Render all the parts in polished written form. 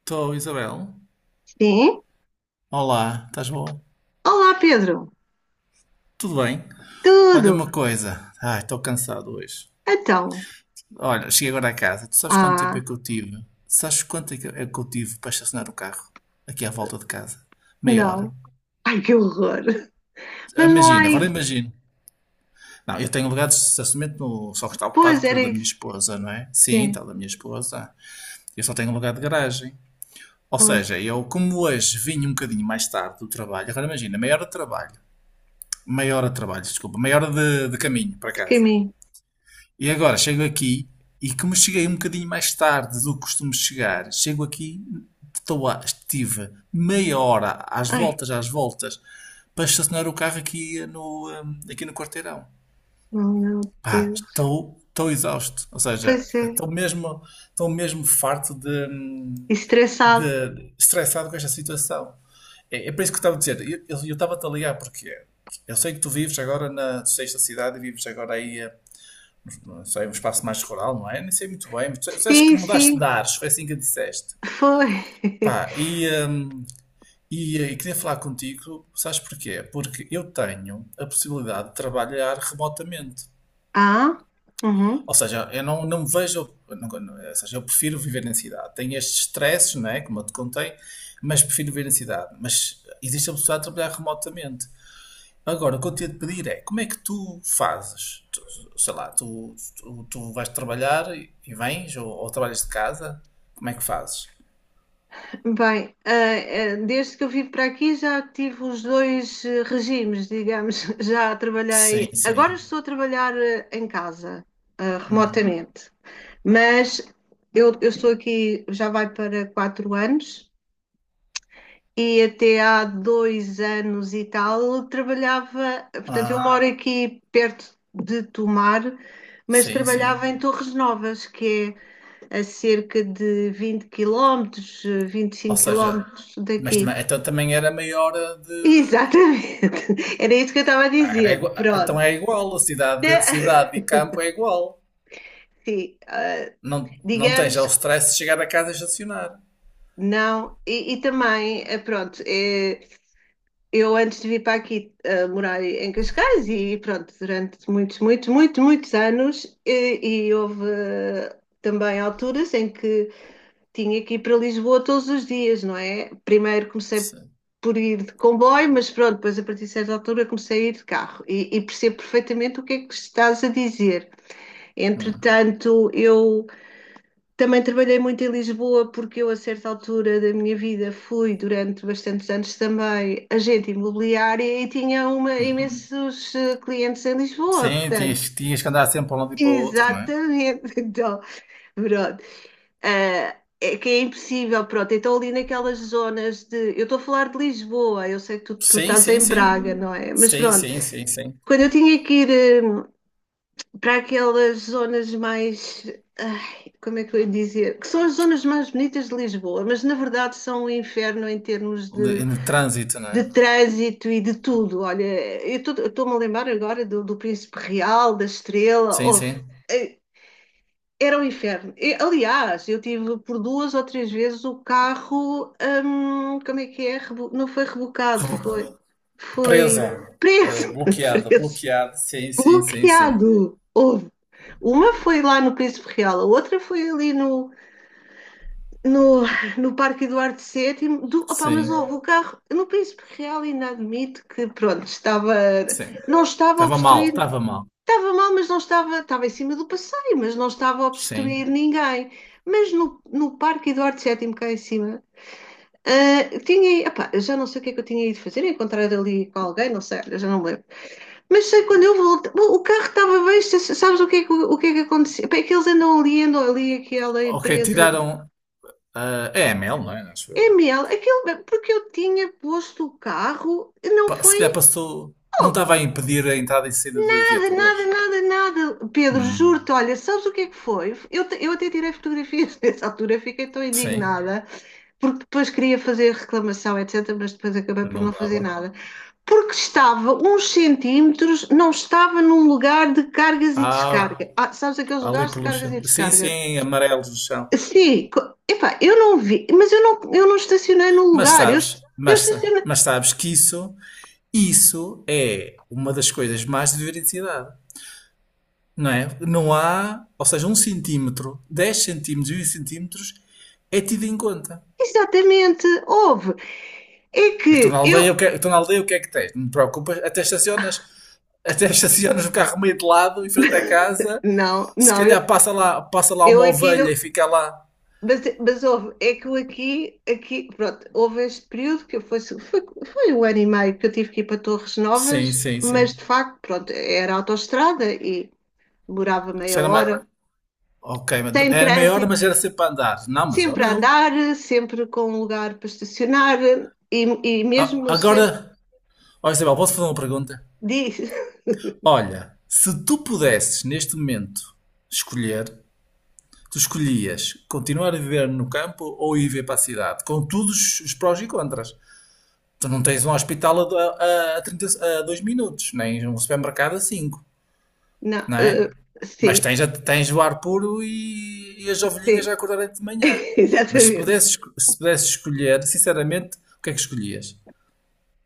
Estou, Isabel. Sim? Olá, estás bom? Olá, Pedro. Tudo bem? Olha Tudo? uma coisa. Ai, estou cansado hoje. Então. Olha, cheguei agora a casa. Tu sabes quanto tempo é Ah, que eu tive? Sabes quanto é que eu tive para estacionar o carro? Aqui à volta de casa. Meia não. hora. Ai, que horror. Mas não há Imagina, aí. agora imagino. Não, eu tenho lugar de estacionamento no só que está ocupado Pois, com o era da minha isso. esposa, não é? Sim, Sim, está o da minha esposa. Eu só tenho um lugar de garagem. Ou pois. seja, eu, como hoje vim um bocadinho mais tarde do trabalho, agora imagina, meia hora de trabalho. Meia hora de trabalho, desculpa. Meia hora de caminho para Toquei em casa. mim. E agora chego aqui e como cheguei um bocadinho mais tarde do que costumo chegar, chego aqui, estive meia hora Ai, às voltas, para estacionar o carro aqui no quarteirão. oh, meu Pá, Deus. Estou exausto. Ou seja, Pois é. Estou mesmo farto Estressado. de estressado com esta situação. É por isso que eu estava a dizer, eu estava-te a ligar porque eu sei que tu vives agora na sexta cidade e vives agora aí só é um espaço mais rural, não é? Nem sei muito bem, mas tu sabes que Sim, mudaste sim, de ares, foi assim que disseste. foi. Pá, e queria falar contigo, sabes porquê? Porque eu tenho a possibilidade de trabalhar remotamente. Ah, uhum. Ou seja, eu não, não me vejo, ou seja, eu prefiro viver na cidade. Tenho estes estresses, não é? Como eu te contei, mas prefiro viver na cidade. Mas existe a possibilidade de trabalhar remotamente. Agora, o que eu tinha de pedir é como é que tu fazes? Sei lá, tu vais trabalhar e vens ou trabalhas de casa? Como é que fazes? Bem, desde que eu vim para aqui já tive os dois regimes, digamos. Já Sim, trabalhei. Agora sim. estou a trabalhar em casa, Hum. remotamente. Mas eu estou aqui, já vai para quatro anos e até há dois anos e tal trabalhava, portanto, eu Ah, moro aqui perto de Tomar, mas sim, sim. trabalhava em Torres Novas, que é a cerca de 20 quilómetros, vinte e Ou cinco seja, quilómetros mas daqui. também, então também era maior a de. Exatamente, era isso que eu estava a Ah, era dizer. igua- então Pronto. é igual, a cidade, cidade e campo é igual. Sim, Não, não tens já digamos o que stress de chegar a casa e estacionar. não, e também, pronto, eu antes de vir para aqui morar em Cascais e pronto, durante muitos, muitos, muitos, muitos anos e houve também alturas em que tinha que ir para Lisboa todos os dias, não é? Primeiro comecei Sim. por ir de comboio, mas pronto, depois a partir de certa altura comecei a ir de carro e percebo perfeitamente o que é que estás a dizer. Hum, Entretanto, eu também trabalhei muito em Lisboa porque eu, a certa altura da minha vida, fui durante bastantes anos também agente imobiliária e tinha uma, hum. imensos clientes em Lisboa, Sim, portanto. tinhas, tinhas que andar sempre para um lado e para o outro, não é? Exatamente, então, pronto. Ah, é que é impossível, pronto. Então, ali naquelas zonas de. Eu estou a falar de Lisboa, eu sei que tu Sim, estás sim, em sim. Braga, não é? Mas Sim, pronto, sim, sim, sim. quando eu tinha que ir. Para aquelas zonas mais, ai, como é que eu ia dizer? Que são as zonas mais bonitas de Lisboa, mas na verdade são um inferno em termos De- no trânsito, não de é? trânsito e de tudo. Olha, eu estou-me a lembrar agora do Príncipe Real, da Estrela. Sim, Oh, sim. eh, era um inferno. E, aliás, eu tive por duas ou três vezes o carro, como é que é? Não foi rebocado, Reblo- foi, foi preso. Eh, preso, bloqueado, preso, bloqueado. Sim, sim, sim, sim. bloqueado. Houve. Uma foi lá no Príncipe Real, a outra foi ali no, no Parque Eduardo sétimo do, opá, mas Sim, houve o carro no Príncipe Real ainda admito que, pronto, estava, sim. não estava a Estava mal, obstruir, estava mal. estava mal, mas não estava, estava em cima do passeio, mas não estava a Sim. obstruir ninguém. Mas no Parque Eduardo sétimo cá em cima, tinha, opa, eu já não sei o que é que eu tinha ido fazer, encontrar ali com alguém, não sei, eu já não me lembro. Mas sei quando eu voltei, o carro estava bem, sabes o que é que, o que, é que aconteceu? Bem, é que eles andam ali, aquela Ok, empresa. tiraram ah, a EML, não é? Acho É eu. mel, aquilo, porque eu tinha posto o carro, não Pa- se calhar foi. passou. Não Oh, estava a impedir a entrada e saída de nada, nada, viaturas? nada, nada. Pedro, Hum, juro-te, olha, sabes o que é que foi? Eu até tirei fotografias nessa altura, fiquei tão sim, indignada, porque depois queria fazer reclamação, etc., mas depois acabei por não não fazer dava. nada. Porque estava uns centímetros, não estava num lugar de cargas e Ah, descarga. Ah, sabes aqueles ali lugares de pelo cargas chão. e Sim, descarga? sim, amarelos no chão. Sim, epá, eu não vi, mas eu não estacionei no lugar, eu estacionei. Mas sabes que isso é uma das coisas mais de veracidade, não é? Não há, ou seja, um centímetro, 10 centímetros, 20 centímetros é tido em conta. Exatamente, houve. É Estou na que eu. aldeia, o que é, estou na aldeia, o que é que tens? Não te preocupas, até estacionas, até estacionas o carro meio de lado, em frente à casa, Não, se não, calhar passa lá eu uma aqui ovelha não. e fica lá. Mas houve, é que eu aqui, aqui, pronto, houve este período que foi um ano e meio que eu tive que ir para Torres Sim, Novas, sim, mas sim. de facto, pronto, era autoestrada demorava Isso meia era mais. hora, Ok, mas sem era maior, trânsito, mas era sempre para andar. Não, mas eu sempre a não. andar, sempre com um lugar para estacionar e A- mesmo no agora, centro ó Isabel, posso fazer uma pergunta? diz. Olha, se tu pudesses neste momento escolher, tu escolhias continuar a viver no campo ou ir ver para a cidade, com todos os prós e contras. Tu não tens um hospital a 30 a 2 minutos, nem um supermercado a 5, Não, não é? Mas sim, tens, a- tens o ar puro e as ovelhinhas a sim, acordarem de manhã. Mas se exatamente. pudesses, esco- se pudesses escolher, sinceramente, o que é que escolhias?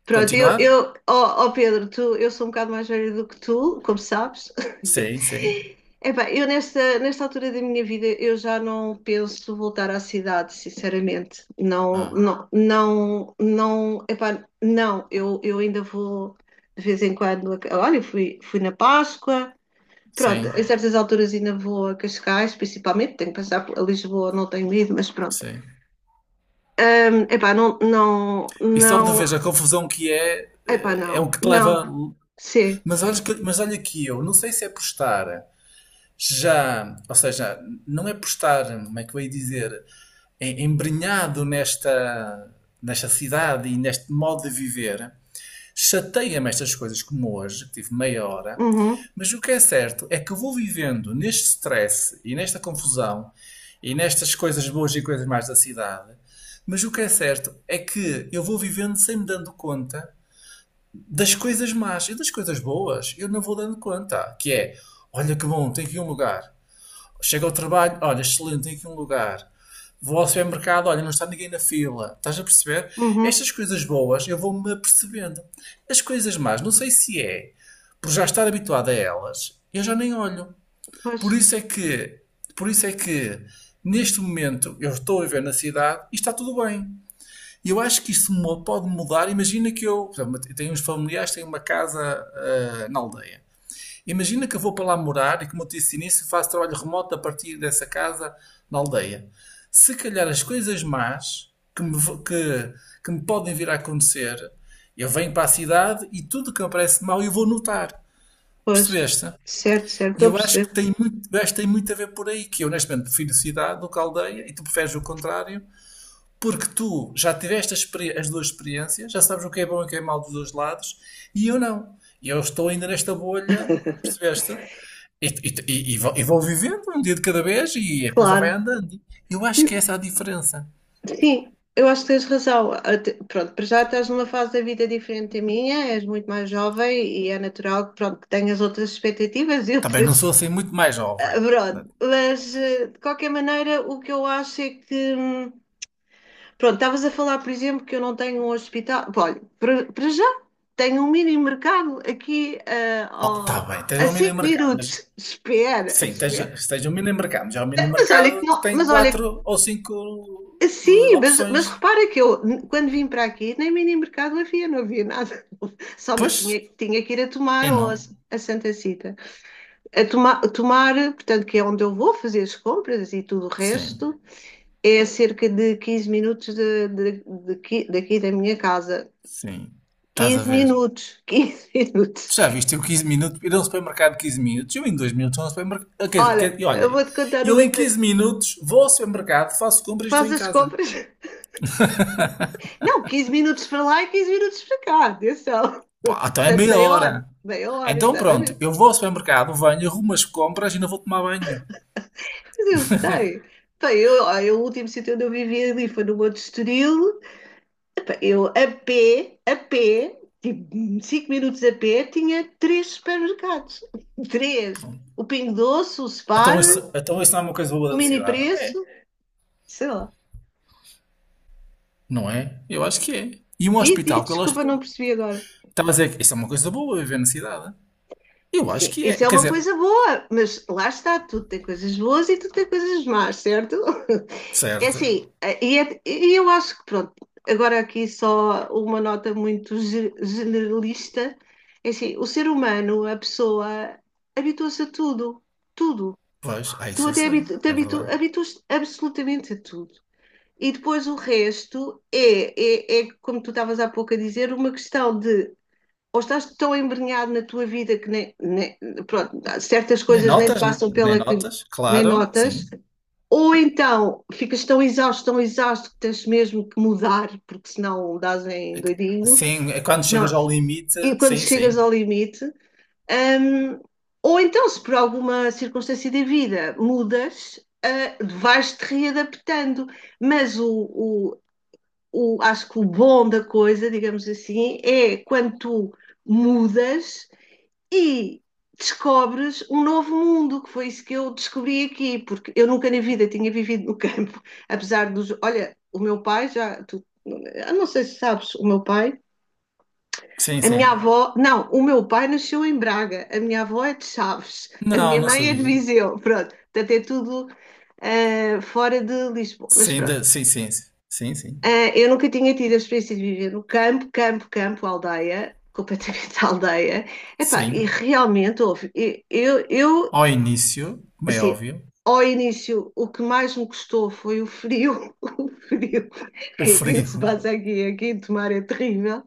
Pronto, eu, Continuar? eu ó, ó Pedro, tu, eu sou um bocado mais velha do que tu, como sabes. Sim, sim. Epá, eu nesta, nesta altura da minha vida eu já não penso voltar à cidade, sinceramente. Não, Ah, não, não, não, epá, não, eu ainda vou de vez em quando. Olha, fui, fui na Páscoa, pronto, em sim, certas alturas ainda vou a Cascais, principalmente, tenho que passar por a Lisboa, não tenho ido, mas pronto. sim. Epá, não, não, E só de vez a não, confusão que é, epá, eh, é não, o que te não. leva. Sim. Mas olha que eu, não sei se é por estar já, ou seja, não é por estar, como é que eu ia dizer, em- embrenhado nesta, nesta cidade e neste modo de viver, chateia-me estas coisas como hoje, que tive meia hora, Uhum, mas o que é certo é que eu vou vivendo neste stress e nesta confusão e nestas coisas boas e coisas mais da cidade, mas o que é certo é que eu vou vivendo sem me dando conta das coisas más e das coisas boas. Eu não vou dando conta. Que é, olha que bom, tem aqui um lugar. Chego ao trabalho, olha, excelente, tem aqui um lugar. Vou ao supermercado, olha, não está ninguém na fila. Estás a perceber? uhum. Estas coisas boas eu vou-me apercebendo. As coisas más, não sei se é por já estar habituado a elas, eu já nem olho. Pois, Por isso é que, por isso é que neste momento eu estou a viver na cidade e está tudo bem. E eu acho que isso pode mudar. Imagina que eu tenho uns familiares, tenho uma casa na aldeia. Imagina que eu vou para lá morar e, como eu disse no início, faço trabalho remoto a partir dessa casa na aldeia. Se calhar as coisas más que, que me podem vir a acontecer, eu venho para a cidade e tudo que me parece mal eu vou notar. pois. Percebeste? Certo, certo, E estou a eu acho que perceber. tem muito, eu acho que tem muito a ver por aí, que eu honestamente prefiro cidade do que aldeia e tu preferes o contrário porque tu já tiveste as duas experiências, já sabes o que é bom e o que é mau dos dois lados, e eu não. E eu estou ainda nesta bolha, percebeste? E vou vivendo um dia de cada vez e a coisa vai Claro. andando. Eu acho que essa é a diferença. Sim, eu acho que tens razão. Pronto, para já estás numa fase da vida diferente da minha, és muito mais jovem e é natural que, pronto, que tenhas outras expectativas e Também não outras. sou assim muito mais jovem. Pronto, mas de qualquer maneira, o que eu acho é que. Pronto, estavas a falar, por exemplo, que eu não tenho um hospital. Pá, olha, para para já tenho um mini mercado aqui Oh, tá bem, tens a um mini 5 mercado, mas minutos. Espera, sim, tens, espera. tens um mini mercado, mas é um mini Mas olha, que mercado que não- tem Mas olha, quatro ou cinco sim, mas opções. repara que quando vim para aqui, nem mini mercado havia, não havia nada. Pois, Tinha, tinha que ir a tomar eu não. a Santa Cita. A toma, tomar, portanto, que é onde eu vou fazer as compras e tudo o Sim, resto, é a cerca de 15 minutos daqui daqui da minha casa. sim. Estás a 15 ver. minutos, 15 minutos. Tu já viste eu 15 minutos, ir a um supermercado de 15 minutos, eu em 2 minutos vou ao supermercado. Quer, quer, Olha, e eu olhem, vou-te contar eu uma em engraçada. 15 minutos vou ao supermercado, faço compras e estou Faz em as casa. compras. Não, 15 minutos para lá e 15 minutos para cá, atenção. Pá, então é Portanto, meia hora. meia hora, Então pronto, exatamente. eu vou ao supermercado, venho, arrumo as compras e não vou tomar banho. Mas eu sei. Bem, eu, olha, o último sítio onde eu vivia ali foi no Monte Estoril. Eu, a pé, tipo 5 minutos a pé, tinha três supermercados. Três. Pronto. O Pingo Doce, o Spar, Então isso não é uma coisa boa o da Mini cidade? É, Preço, sei lá. não é? Eu acho que é. E um Diz, diz, hospital, que é o desculpa, hospital. não percebi agora. Estava a dizer que isso é uma coisa boa viver na cidade. Eu acho Sim, que é. isso é Quer uma dizer, coisa boa, mas lá está, tudo tem coisas boas e tudo tem coisas más, certo? É certo. assim, e eu acho que pronto, agora aqui só uma nota muito generalista, é assim, o ser humano, a pessoa, habitua-se a tudo, tudo. Pois, ah, Tu isso eu até sei. É verdade. habituas absolutamente a tudo. E depois o resto é, é, é, como tu estavas há pouco a dizer, uma questão de ou estás tão embrenhado na tua vida que pronto, certas Nem coisas nem te notas, passam nem pela que notas, nem claro, notas, sim. ou então ficas tão exausto que tens mesmo que mudar, porque senão dás em doidinho. Sim, é quando Não. chegas ao limite. E quando Sim, chegas sim. ao limite, hum, ou então, se por alguma circunstância da vida mudas, ah, vais-te readaptando. Mas acho que o bom da coisa, digamos assim, é quando tu mudas e descobres um novo mundo, que foi isso que eu descobri aqui, porque eu nunca na vida tinha vivido no campo, apesar dos. Olha, o meu pai já. Tu, eu não sei se sabes, o meu pai, Sim, a minha sim. avó, não, o meu pai nasceu em Braga, a minha avó é de Chaves, a Não, minha não mãe é de sabia. Viseu, pronto, portanto é tudo fora de Lisboa, mas Sim, pronto. da- sim, sim. Sim, sim. Ah, eu nunca tinha tido a experiência de viver no campo, campo, campo, aldeia, completamente aldeia. Epá, e Sim. realmente houve. Eu Ao início, como é assim, óbvio, ao início, o que mais me custou foi o frio, o frio o que se frio passa aqui, aqui em Tomar é terrível.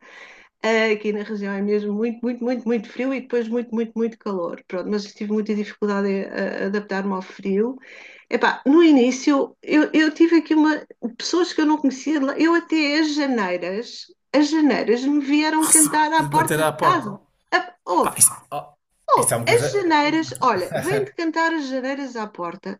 Aqui na região é mesmo muito, muito, muito, muito frio e depois muito, muito, muito calor. Pronto, mas tive muita dificuldade em adaptar-me ao frio. Epá, no início, eu tive aqui uma, pessoas que eu não conhecia, eu até as janeiras me vieram cantar à bater porta de à porta. casa. Pá, Houve, isso, oh, isso é houve, uma as coisa. janeiras, olha, vem de cantar as janeiras à porta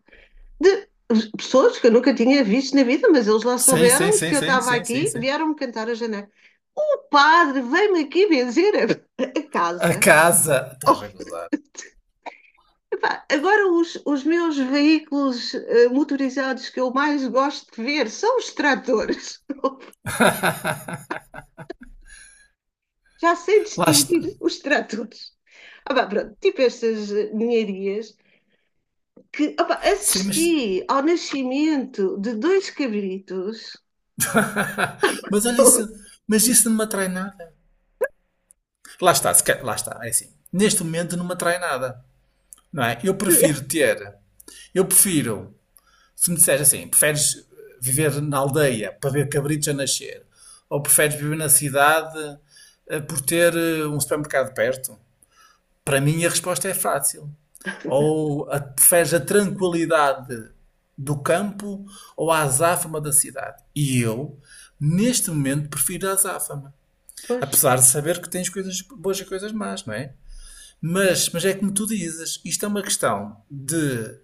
de pessoas que eu nunca tinha visto na vida, mas eles lá Sim, sim, souberam que sim, eu sim, estava sim, sim, aqui, sim. vieram-me cantar a janela. O padre veio-me aqui benzer a A casa. casa. Estás Oh, a gozar. epá, agora os meus veículos motorizados que eu mais gosto de ver são os tratores. Já sei Lá está. distinguir os tratores. Ah, pá, pronto, tipo estas ninharias que ah, pá, Sim, mas. assisti ao nascimento de dois cabritos. Mas olha isso. Mas isso não me atrai nada. Lá está, se quer- lá está. É assim. Neste momento não me atrai nada. Não é? Eu prefiro ter. Eu prefiro, se me disseres assim, preferes viver na aldeia para ver cabritos a nascer? Ou preferes viver na cidade por ter um supermercado perto? Para mim a resposta é fácil. Ou a, preferes a tranquilidade do campo ou a azáfama da cidade? E eu, neste momento, prefiro a azáfama. Pois, Apesar de saber que tens coisas boas e coisas más, não é? Mas é como tu dizes, isto é uma questão de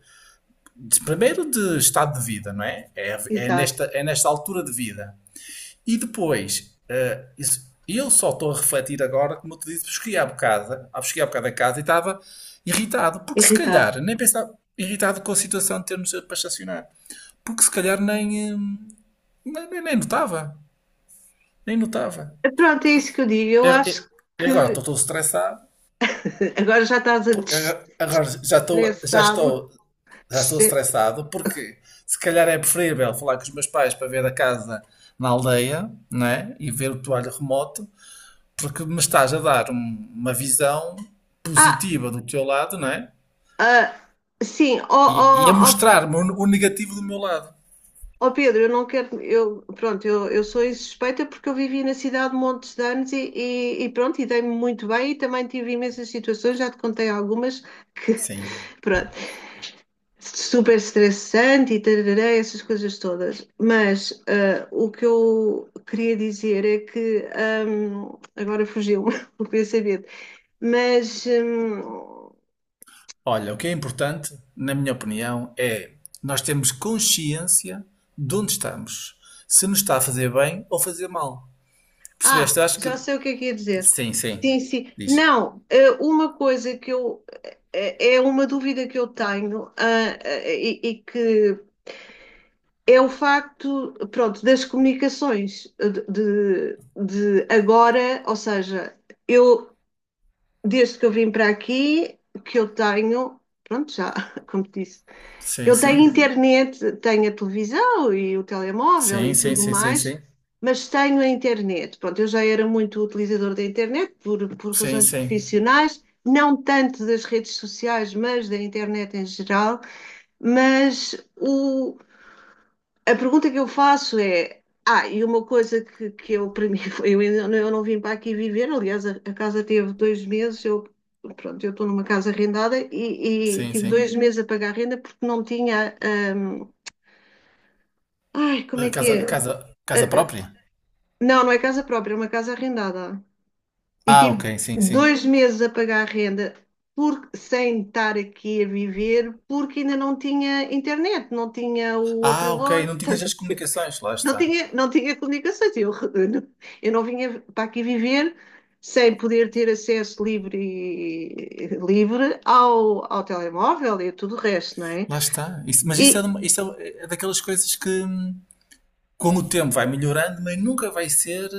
primeiro de estado de vida, não é? É, exato, é nesta altura de vida. E depois, eh, isso- eu só estou a refletir agora, como eu te disse, cheguei há bocado, ah, cheguei há bocado a casa e estava irritado, porque se irritado. calhar, nem pensava, irritado com a situação de termos para estacionar, porque se calhar nem, nem, nem notava, nem notava. Pronto, é isso que eu digo. E Eu e- acho e agora que estou todo estressado, agora já estás a agora já estou, já destressar-me. estou já estou Destre- estressado porque se calhar é preferível falar com os meus pais para ver a casa na aldeia, né? E ver o toalho remoto, porque me estás a dar uma visão Ah, positiva do teu lado, né? ah, sim, ó E a ó, ó, mostrar-me o negativo do meu lado. ó, Pedro, eu não quero. Eu, pronto, eu sou insuspeita porque eu vivi na cidade montes de anos e pronto, e dei-me muito bem e também tive imensas situações, já te contei algumas que, Sim. pronto. Super estressante e tarará, essas coisas todas. Mas o que eu queria dizer é que agora fugiu-me o pensamento. Mas Olha, o que é importante, na minha opinião, é nós termos consciência de onde estamos, se nos está a fazer bem ou fazer mal. Percebeste? Eu acho que já sei o que é que ia dizer. sim, sim. Sim, sim. Diz. Não, uma coisa que eu é uma dúvida que eu tenho, e que é o facto, pronto, das comunicações de agora, ou seja, eu desde que eu vim para aqui, que eu tenho, pronto, já, como te disse, Sim, eu tenho sim. internet, tenho a televisão e o telemóvel Sim, e sim, tudo sim, sim, mais, sim. mas tenho a internet. Pronto, eu já era muito utilizador da internet por Sim, razões sim. profissionais, não tanto das redes sociais, mas da internet em geral, mas o a pergunta que eu faço é: ah, e uma coisa que eu, para mim, foi, eu, eu não vim para aqui viver, aliás, a casa teve dois meses, eu, pronto, eu estou numa casa arrendada e Sim, tive dois sim. meses a pagar a renda porque não tinha. Ai, como Ah, é que casa, é? Casa, casa ah, própria? não, não é casa própria, é uma casa arrendada. E Ah, tive ok, sim, sim. dois meses a pagar a renda. Porque, sem estar aqui a viver, porque ainda não tinha internet, não tinha o Ah, ok, operador, não tinhas estás a as ver? comunicações, lá Não está. tinha, não tinha comunicações. Eu, eu não vinha para aqui viver sem poder ter acesso livre, livre ao telemóvel e tudo o resto, não é? Lá está. Isso- mas isso, E, é, de uma- isso é, é daquelas coisas que com o tempo vai melhorando, mas nunca vai ser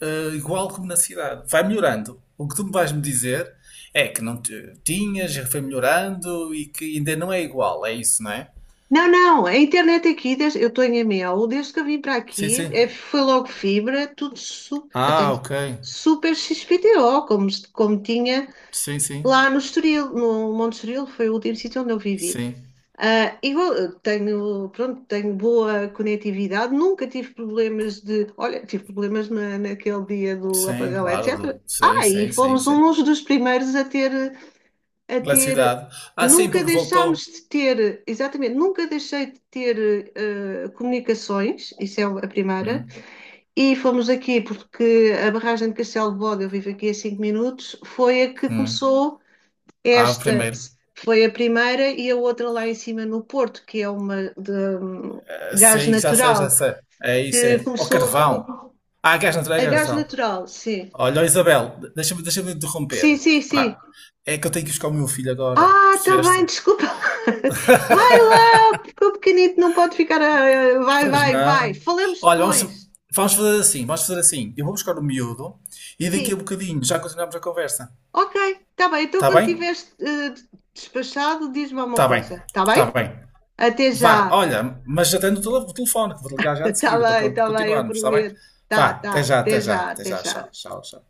igual como na cidade. Vai melhorando. O que tu me vais me dizer é que não te- tinhas, já foi melhorando e que ainda não é igual, é isso, não é? não, não, a internet aqui, desde- eu estou em Amiel, desde que eu vim para Sim, aqui, é, sim. foi logo fibra, tudo super, eu tenho Ah, ok. super XPTO, como, como tinha Sim, sim. lá no Estoril, no Monte Estoril, foi o último sítio onde eu vivi. Sim. Ah, tenho, pronto, tenho boa conectividade, nunca tive problemas de. Olha, tive problemas na, naquele dia do Sim, apagão, etc. claro. Sim, Ah, e sim, sim, fomos sim. uns dos primeiros a ter, a Da ter. cidade. Ah, sim, Nunca porque voltou. deixámos de ter, exatamente, nunca deixei de ter comunicações, isso é a primeira, Hum, e fomos aqui porque a barragem de Castelo de Bode, eu vivo aqui a 5 minutos, foi a que hum. começou Ah, o esta primeiro. foi a primeira e a outra lá em cima no Porto, que é uma de Ah, gás sim, já sei, já natural, sei. É isso, que é. Ó começou a carvão. recuperar. Ah, gás natural, A gás gás natural. natural, sim. Olha, ó, Isabel, deixa-me deixa-me Sim, interromper. sim, sim. Pá, é que eu tenho que buscar o meu filho agora. Ah, tá bem, Percebeste? desculpa. Vai lá, porque o pequenito não pode ficar. Vai, Pois vai, vai. não. Falamos Olha, vamos, depois. vamos fazer assim, vamos fazer assim. Eu vou buscar o miúdo e daqui a Sim. bocadinho já continuamos a conversa. Ok, tá bem. Então, Está quando bem? tiveres despachado, diz-me alguma Está bem. coisa, tá Está bem? bem. Até Vá, já. olha, mas já tenho o o telefone, que vou ligar já de seguida para tá bem, eu continuarmos, está bem? prometo. Vá, Tá, até tá. já, Até até já, já, até até já, tchau, já. tchau, tchau.